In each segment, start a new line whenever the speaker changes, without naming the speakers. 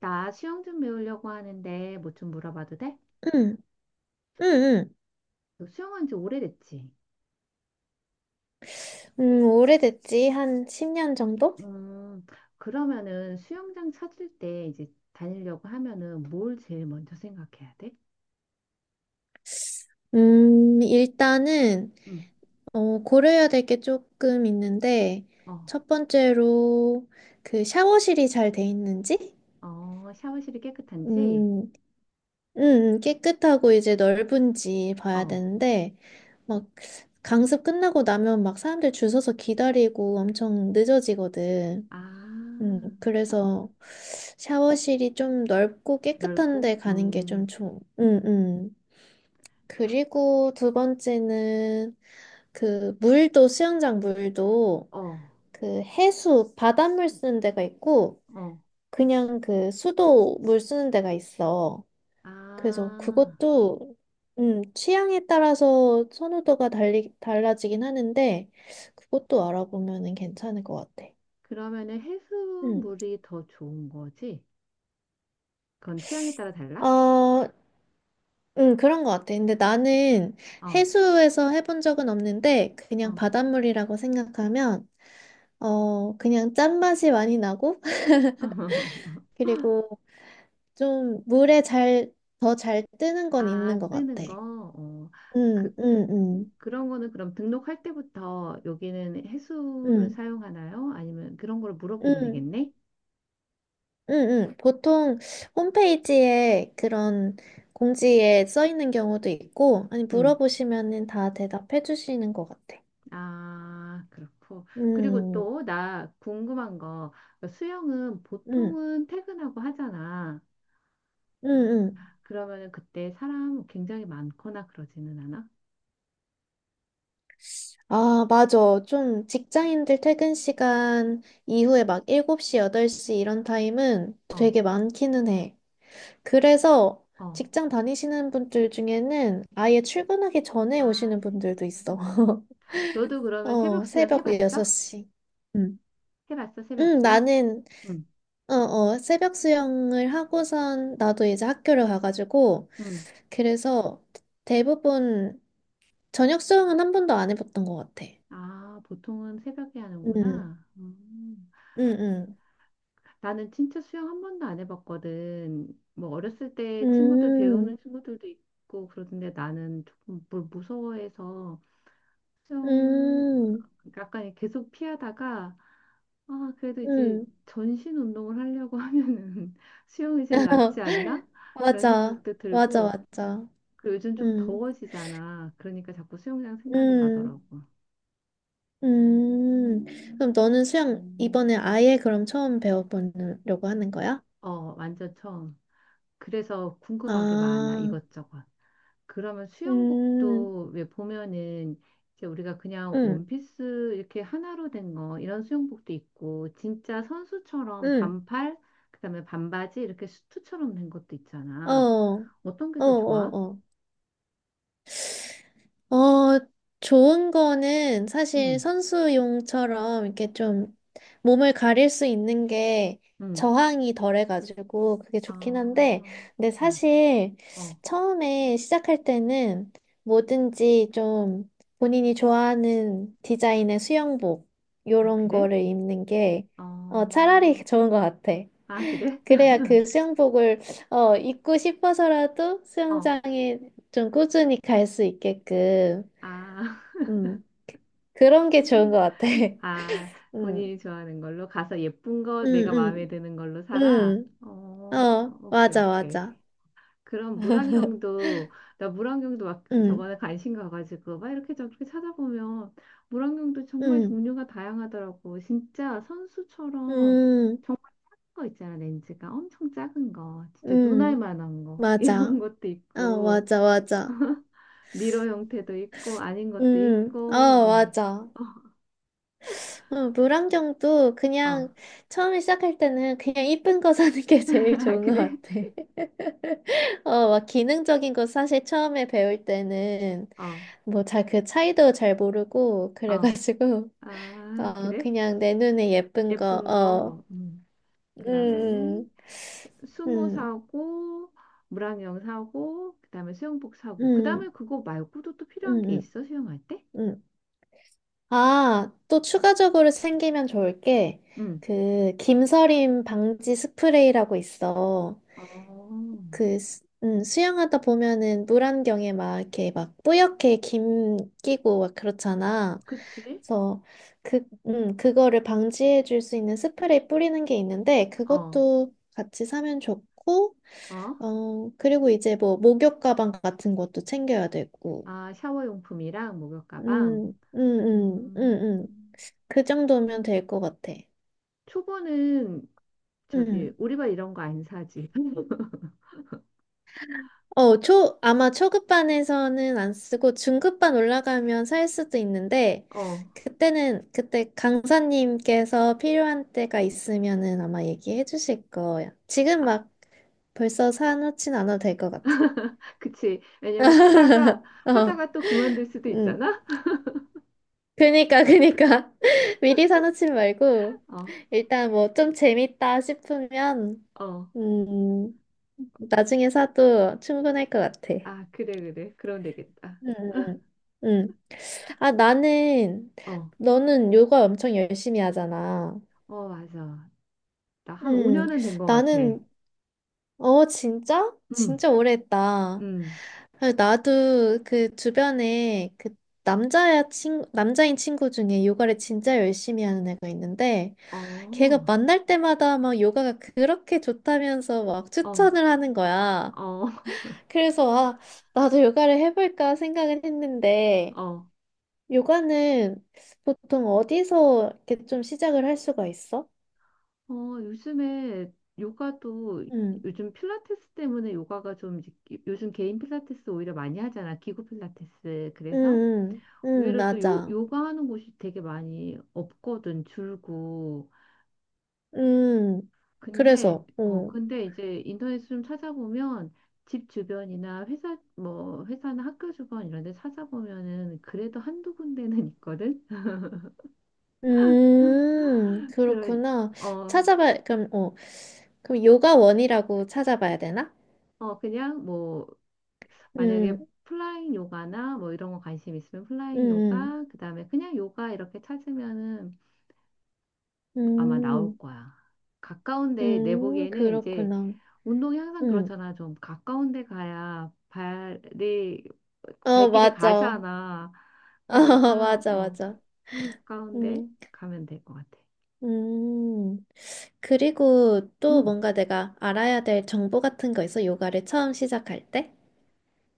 나 수영 좀 배우려고 하는데 뭐 좀 물어봐도 돼?
응, 응, 응.
너 수영한 지 오래됐지?
오래됐지? 한 10년 정도?
음, 그러면은 수영장 찾을 때 이제 다니려고 하면은 뭘 제일 먼저 생각해야 돼?
일단은,
응.
어, 고려해야 될 게 조금 있는데,
어,
첫 번째로, 그 샤워실이 잘 돼 있는지?
어, 샤워실이 깨끗한지?
음, 깨끗하고 이제 넓은지 봐야
어,
되는데, 막, 강습 끝나고 나면 막 사람들 줄 서서 기다리고 엄청 늦어지거든.
아, 샤,
그래서 샤워실이 좀 넓고 깨끗한
넓고?
데 가는 게 응, 응. 그리고 두 번째는 그 물도 수영장 물도
어,
그 해수 바닷물 쓰는 데가 있고
어,
그냥 그 수도 물 쓰는 데가 있어. 그래서
아,
그것도 취향에 따라서 선호도가 달라지긴 하는데 그것도 알아보면은 괜찮을 것 같아.
그러면은
음.
해수물이 더 좋은 거지? 그건 취향에 따라 달라?
어, 그런 것 같아. 근데 나는
어,
해수에서 해본 적은 없는데
어.
그냥 바닷물이라고 생각하면 어, 그냥 짠맛이 많이 나고, 그리고 좀 물에 잘, 더 잘 뜨는 건
아,
있는 것 같아.
뜨는 거. 어,
응,
그,
응, 응,
그런 거는 그럼 등록할 때부터 여기는 해수를
응,
사용하나요? 아니면 그런 걸 물어보면
응,
되겠네?
응, 응. 보통 홈페이지에 그런 공지에 써 있는 경우도 있고, 아니,
음.
물어보시면은 다 대답해 주시는 것 같아.
아, 그렇고. 그리고
음,
또 나 궁금한 거. 수영은
음,
보통은 퇴근하고 하잖아.
음, 음.
그러면은 그때 사람 굉장히 많거나 그러지는 않아?
아, 맞아. 좀 직장인들 퇴근 시간 이후에 막 7시, 8시 이런 타임은
어,
되게 많기는 해. 그래서
어.
직장 다니시는 분들 중에는 아예 출근하기 전에
아,
오시는
새벽
분들도 있어.
수영. 너도 그러면 새벽
어,
수영
새벽
해봤어?
6시. 음.
해봤어, 새벽
응,
수영?
나는,
응,
어, 어, 새벽 수영을 하고선 나도 이제 학교를 가가지고,
응.
그래서 대부분 저녁 수영은 한 번도 안 해봤던 것 같아.
아, 보통은 새벽에
응,
하는구나. 음.
응, 응.
나는 진짜 수영 한 번도 안 해봤거든. 뭐 어렸을 때 친구들 배우는
음,
친구들도 있고 그러던데 나는 조금 물 무서워해서 수영
음,
약간 계속 피하다가 아 그래도 이제
음.
전신 운동을 하려고 하면은 수영이 제일 낫지 않나? 이런
맞아,
생각도
맞아,
들고
맞아.
그리고 요즘 좀
응,
더워지잖아. 그러니까 자꾸 수영장 생각이
응.
나더라고.
음, 그럼 너는 수영 이번에 아예 그럼 처음 배워보려고 하는 거야?
어, 완전 처음. 그래서 궁금한 게 많아,
아,
이것저것. 그러면
음,
수영복도 왜 보면은 이제 우리가 그냥
음,
원피스 이렇게 하나로 된 거, 이런 수영복도 있고, 진짜 선수처럼
음,
반팔, 그다음에 반바지 이렇게 수트처럼 된 것도
어,
있잖아.
어,
어떤 게
어,
더 좋아?
어. 어, 좋은 거는 사실
응,
선수용처럼 이렇게 좀 몸을 가릴 수 있는 게
응.
저항이 덜해가지고 그게 좋긴 한데,
아,
근데
어,
사실
어.
처음에 시작할 때는 뭐든지 좀 본인이 좋아하는 디자인의 수영복,
아,
요런
그래?
거를 입는 게 어,
어,
차라리 좋은 것 같아.
아, 그래?
그래야 그 수영복을 어, 입고 싶어서라도
어,
수영장에 좀 꾸준히 갈 수 있게끔
아.
음. 그런 게 좋은 것 같아.
아,
음.
본인이 좋아하는 걸로 가서 예쁜 거 내가 마음에
응,
드는 걸로 사라.
음.
어,
어,
오케이,
맞아,
오케이.
맞아.
그럼 물안경도 나 물안경도 막
응,
저번에 관심 가가지고 막 이렇게 저렇게 찾아보면 물안경도 정말
응,
종류가 다양하더라고. 진짜 선수처럼
응,
정말 작은 거 있잖아, 렌즈가 엄청 작은 거, 진짜 눈알
응,
만한 거 이런
맞아.
것도
어,
있고
맞아, 맞아.
미러 형태도 있고 아닌 것도
응,
있고
어,
그러네.
맞아. 어, 물안경도
어,
그냥
어,
처음에 시작할 때는 그냥 이쁜 거 사는 게 제일
아,
좋은 것
그래?
같아. 어, 막 기능적인 거 사실 처음에 배울 때는
어,
뭐 잘 그 차이도 잘 모르고
어.
그래가지고
아,
어,
그래?
그냥 내 눈에 예쁜 거,
예쁜
어,
거. 음. 그러면은
음,
수모
음,
사고, 물안경 사고, 그다음에 수영복 사고.
음,
그다음에 그거 말고도 또 필요한 게
음, 음,
있어? 수영할 때?
음. 아, 또 추가적으로 생기면 좋을 게,
응.
그, 김서림 방지 스프레이라고 있어.
어,
그, 수영하다 보면은 물안경에 막 이렇게 막 뿌옇게 김 끼고 막 그렇잖아.
그치?
그래서 그, 그거를 방지해 줄 수 있는 스프레이 뿌리는 게 있는데,
어,
그것도 같이 사면 좋고,
어.
어, 그리고 이제 뭐 목욕 가방 같은 것도 챙겨야 되고.
아, 샤워 용품이랑 목욕 가방.
음, 음, 음, 음,
음.
음. 그 정도면 될 것 같아.
초보는 저기
음.
우리발 이런 거 안 사지.
어, 아마 초급반에서는 안 쓰고 중급반 올라가면 살 수도 있는데,
어.
그때 강사님께서 필요한 때가 있으면은 아마 얘기해 주실 거야. 지금
아,
막 벌써 사놓진 않아도 될 것 같아.
그치. 왜냐면 하다가
어,
하다가 또 그만둘 수도
음.
있잖아.
그니까, 그니까. 미리 사놓지 말고,
어.
일단 뭐 좀 재밌다 싶으면,
어.
음, 나중에 사도 충분할 것 같아.
아, 그래, 그래. 그럼 되겠다.
음, 음. 아, 나는,
어,
너는 요가 엄청 열심히 하잖아.
어, 맞아. 나 한
음,
5년은 된 것 같아.
나는, 어, 진짜?
음,
진짜 오래 했다.
음.
아, 나도 그 주변에 그 남자인 친구 중에 요가를 진짜 열심히 하는 애가 있는데,
어,
걔가 만날 때마다 막 요가가 그렇게 좋다면서 막
어,
추천을 하는 거야.
어,
그래서 아, 나도 요가를 해볼까 생각은 했는데
어.
요가는 보통 어디서 이렇게 좀 시작을 할 수가 있어?
어, 요즘에 요가도
응,
요즘 필라테스 때문에 요가가 좀 이제 요즘 개인 필라테스 오히려 많이 하잖아. 기구 필라테스. 그래서
응, 응, 응,
의외로 또 요,
맞아.
요가 하는 곳이 되게 많이 없거든. 줄고.
음,
근데
그래서,
어
어.
근데 이제 인터넷 좀 찾아보면 집 주변이나 회사 뭐 회사나 학교 주변 이런 데 찾아보면은 그래도 한두 군데는 있거든. 그런
그렇구나.
어어
찾아봐, 그럼, 어. 그럼 요가원이라고 찾아봐야 되나?
그냥 뭐 만약에
음,
플라잉 요가나 뭐 이런 거 관심 있으면 플라잉
음,
요가 그다음에 그냥 요가 이렇게 찾으면은 아마 나올
음.
거야. 가까운데 내 보기에는 이제
그렇구나.
운동이 항상
음.
그렇잖아. 좀 가까운 데 가야 발이,
어,
발길이
맞아.
가잖아. 그런
어
것처럼,
맞아,
어,
맞아.
가까운 데
음,
가면 될 것 같아.
음. 그리고 또
음.
뭔가 내가 알아야 될 정보 같은 거 있어? 요가를 처음 시작할 때?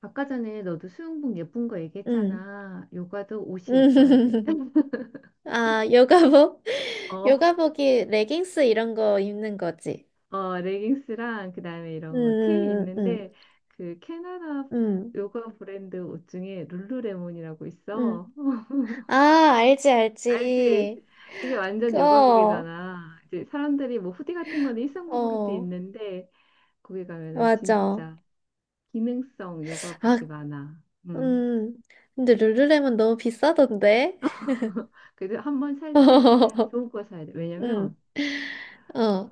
아까 전에 너도 수영복 예쁜 거
음.
얘기했잖아. 요가도 옷이 예뻐야 돼.
아, 요가복?
어,
요가복이 레깅스 이런 거 입는 거지.
어, 레깅스랑 그다음에 이런 거, 티
음, 음,
있는데 그 캐나다
음,
요가 브랜드 옷 중에 룰루레몬이라고
음.
있어.
아, 알지,
알지?
알지.
그게 완전
어,
요가복이잖아. 이제 사람들이 뭐 후디 같은 건 일상복으로도
어,
있는데 거기 가면은
맞아.
진짜 기능성
아,
요가복이 많아. 음.
음, 근데 룰루렘은 너무 비싸던데?
그래도 한번 살 때 좋은 거 사야 돼.
응,
왜냐면
어.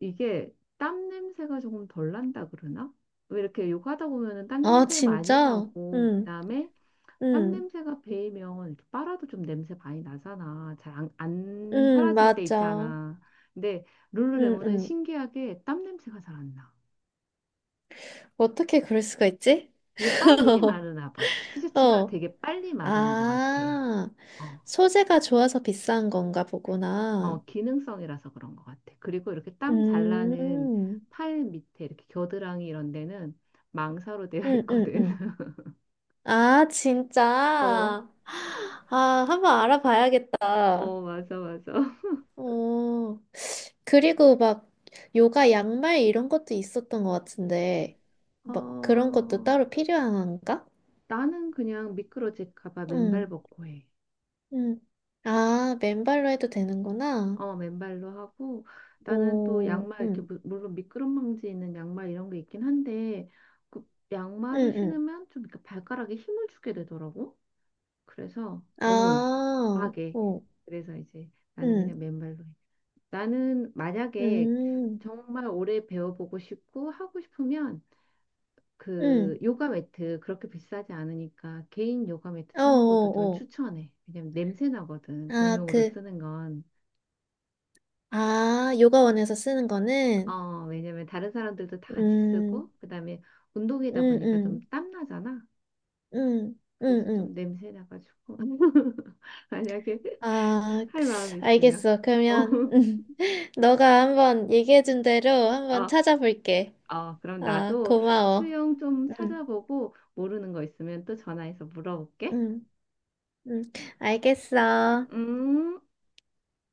이게 땀 냄새가 조금 덜 난다 그러나? 왜 이렇게 요가하다 보면은 땀
아,
냄새 많이
진짜?
나고
응,
그다음에 땀
응,
냄새가 배이면 이렇게 빨아도 좀 냄새 많이 나잖아. 잘 안
응,
사라질 때
맞아.
있잖아. 근데
응,
룰루레몬은
응.
신기하게 땀 냄새가 잘 안 나.
어떻게 그럴 수가 있지?
이게 빨리 마르나 봐. 티셔츠가
어.
되게 빨리 마르는 것 같아.
아,
어,
소재가 좋아서 비싼 건가 보구나.
어, 기능성이라서 그런 것 같아. 그리고 이렇게 땀 잘 나는
음,
팔 밑에 이렇게 겨드랑이 이런 데는 망사로 되어
응, 응,
있거든.
응. 아, 진짜?
어,
아, 한번 알아봐야겠다.
어, 맞아, 맞아.
어. 그리고 막 요가 양말 이런 것도 있었던 것 같은데 막 그런 것도
어,
따로 필요한가?
나는 그냥 미끄러질까 봐 맨발
응,
벗고 해.
응. 아, 맨발로 해도 되는구나.
어, 맨발로 하고 나는 또
오,
양말 이렇게
응,
물론 미끄럼방지 있는 양말 이런 게 있긴 한데 그 양말을
응, 응.
신으면 좀 이렇게 발가락에 힘을 주게 되더라고. 그래서 너무
아,
과하게
오,
그래서 이제 나는
응,
그냥 맨발로 해. 나는 만약에
음,
정말 오래 배워보고 싶고 하고 싶으면 그
응.
요가 매트 그렇게 비싸지 않으니까 개인 요가 매트
어,
사는 것도 좀
어, 어.
추천해. 왜냐면 냄새 나거든.
아,
공용으로
그,
쓰는 건.
아, 요가원에서 쓰는 거는,
어, 왜냐면 다른 사람들도 다 같이 쓰고,
음,
그 다음에 운동이다
음,
보니까 좀
음,
땀나잖아.
음,
그래서
음, 음.
좀 냄새 나가지고. 만약에
아,
할 마음이 있으면.
알겠어.
어,
그러면 너가 한번 얘기해준 대로 한번
어,
찾아볼게.
어, 그럼
아,
나도
고마워.
수영 좀
응,
찾아보고 모르는 거 있으면 또 전화해서 물어볼게.
응, 응. 알겠어.
음.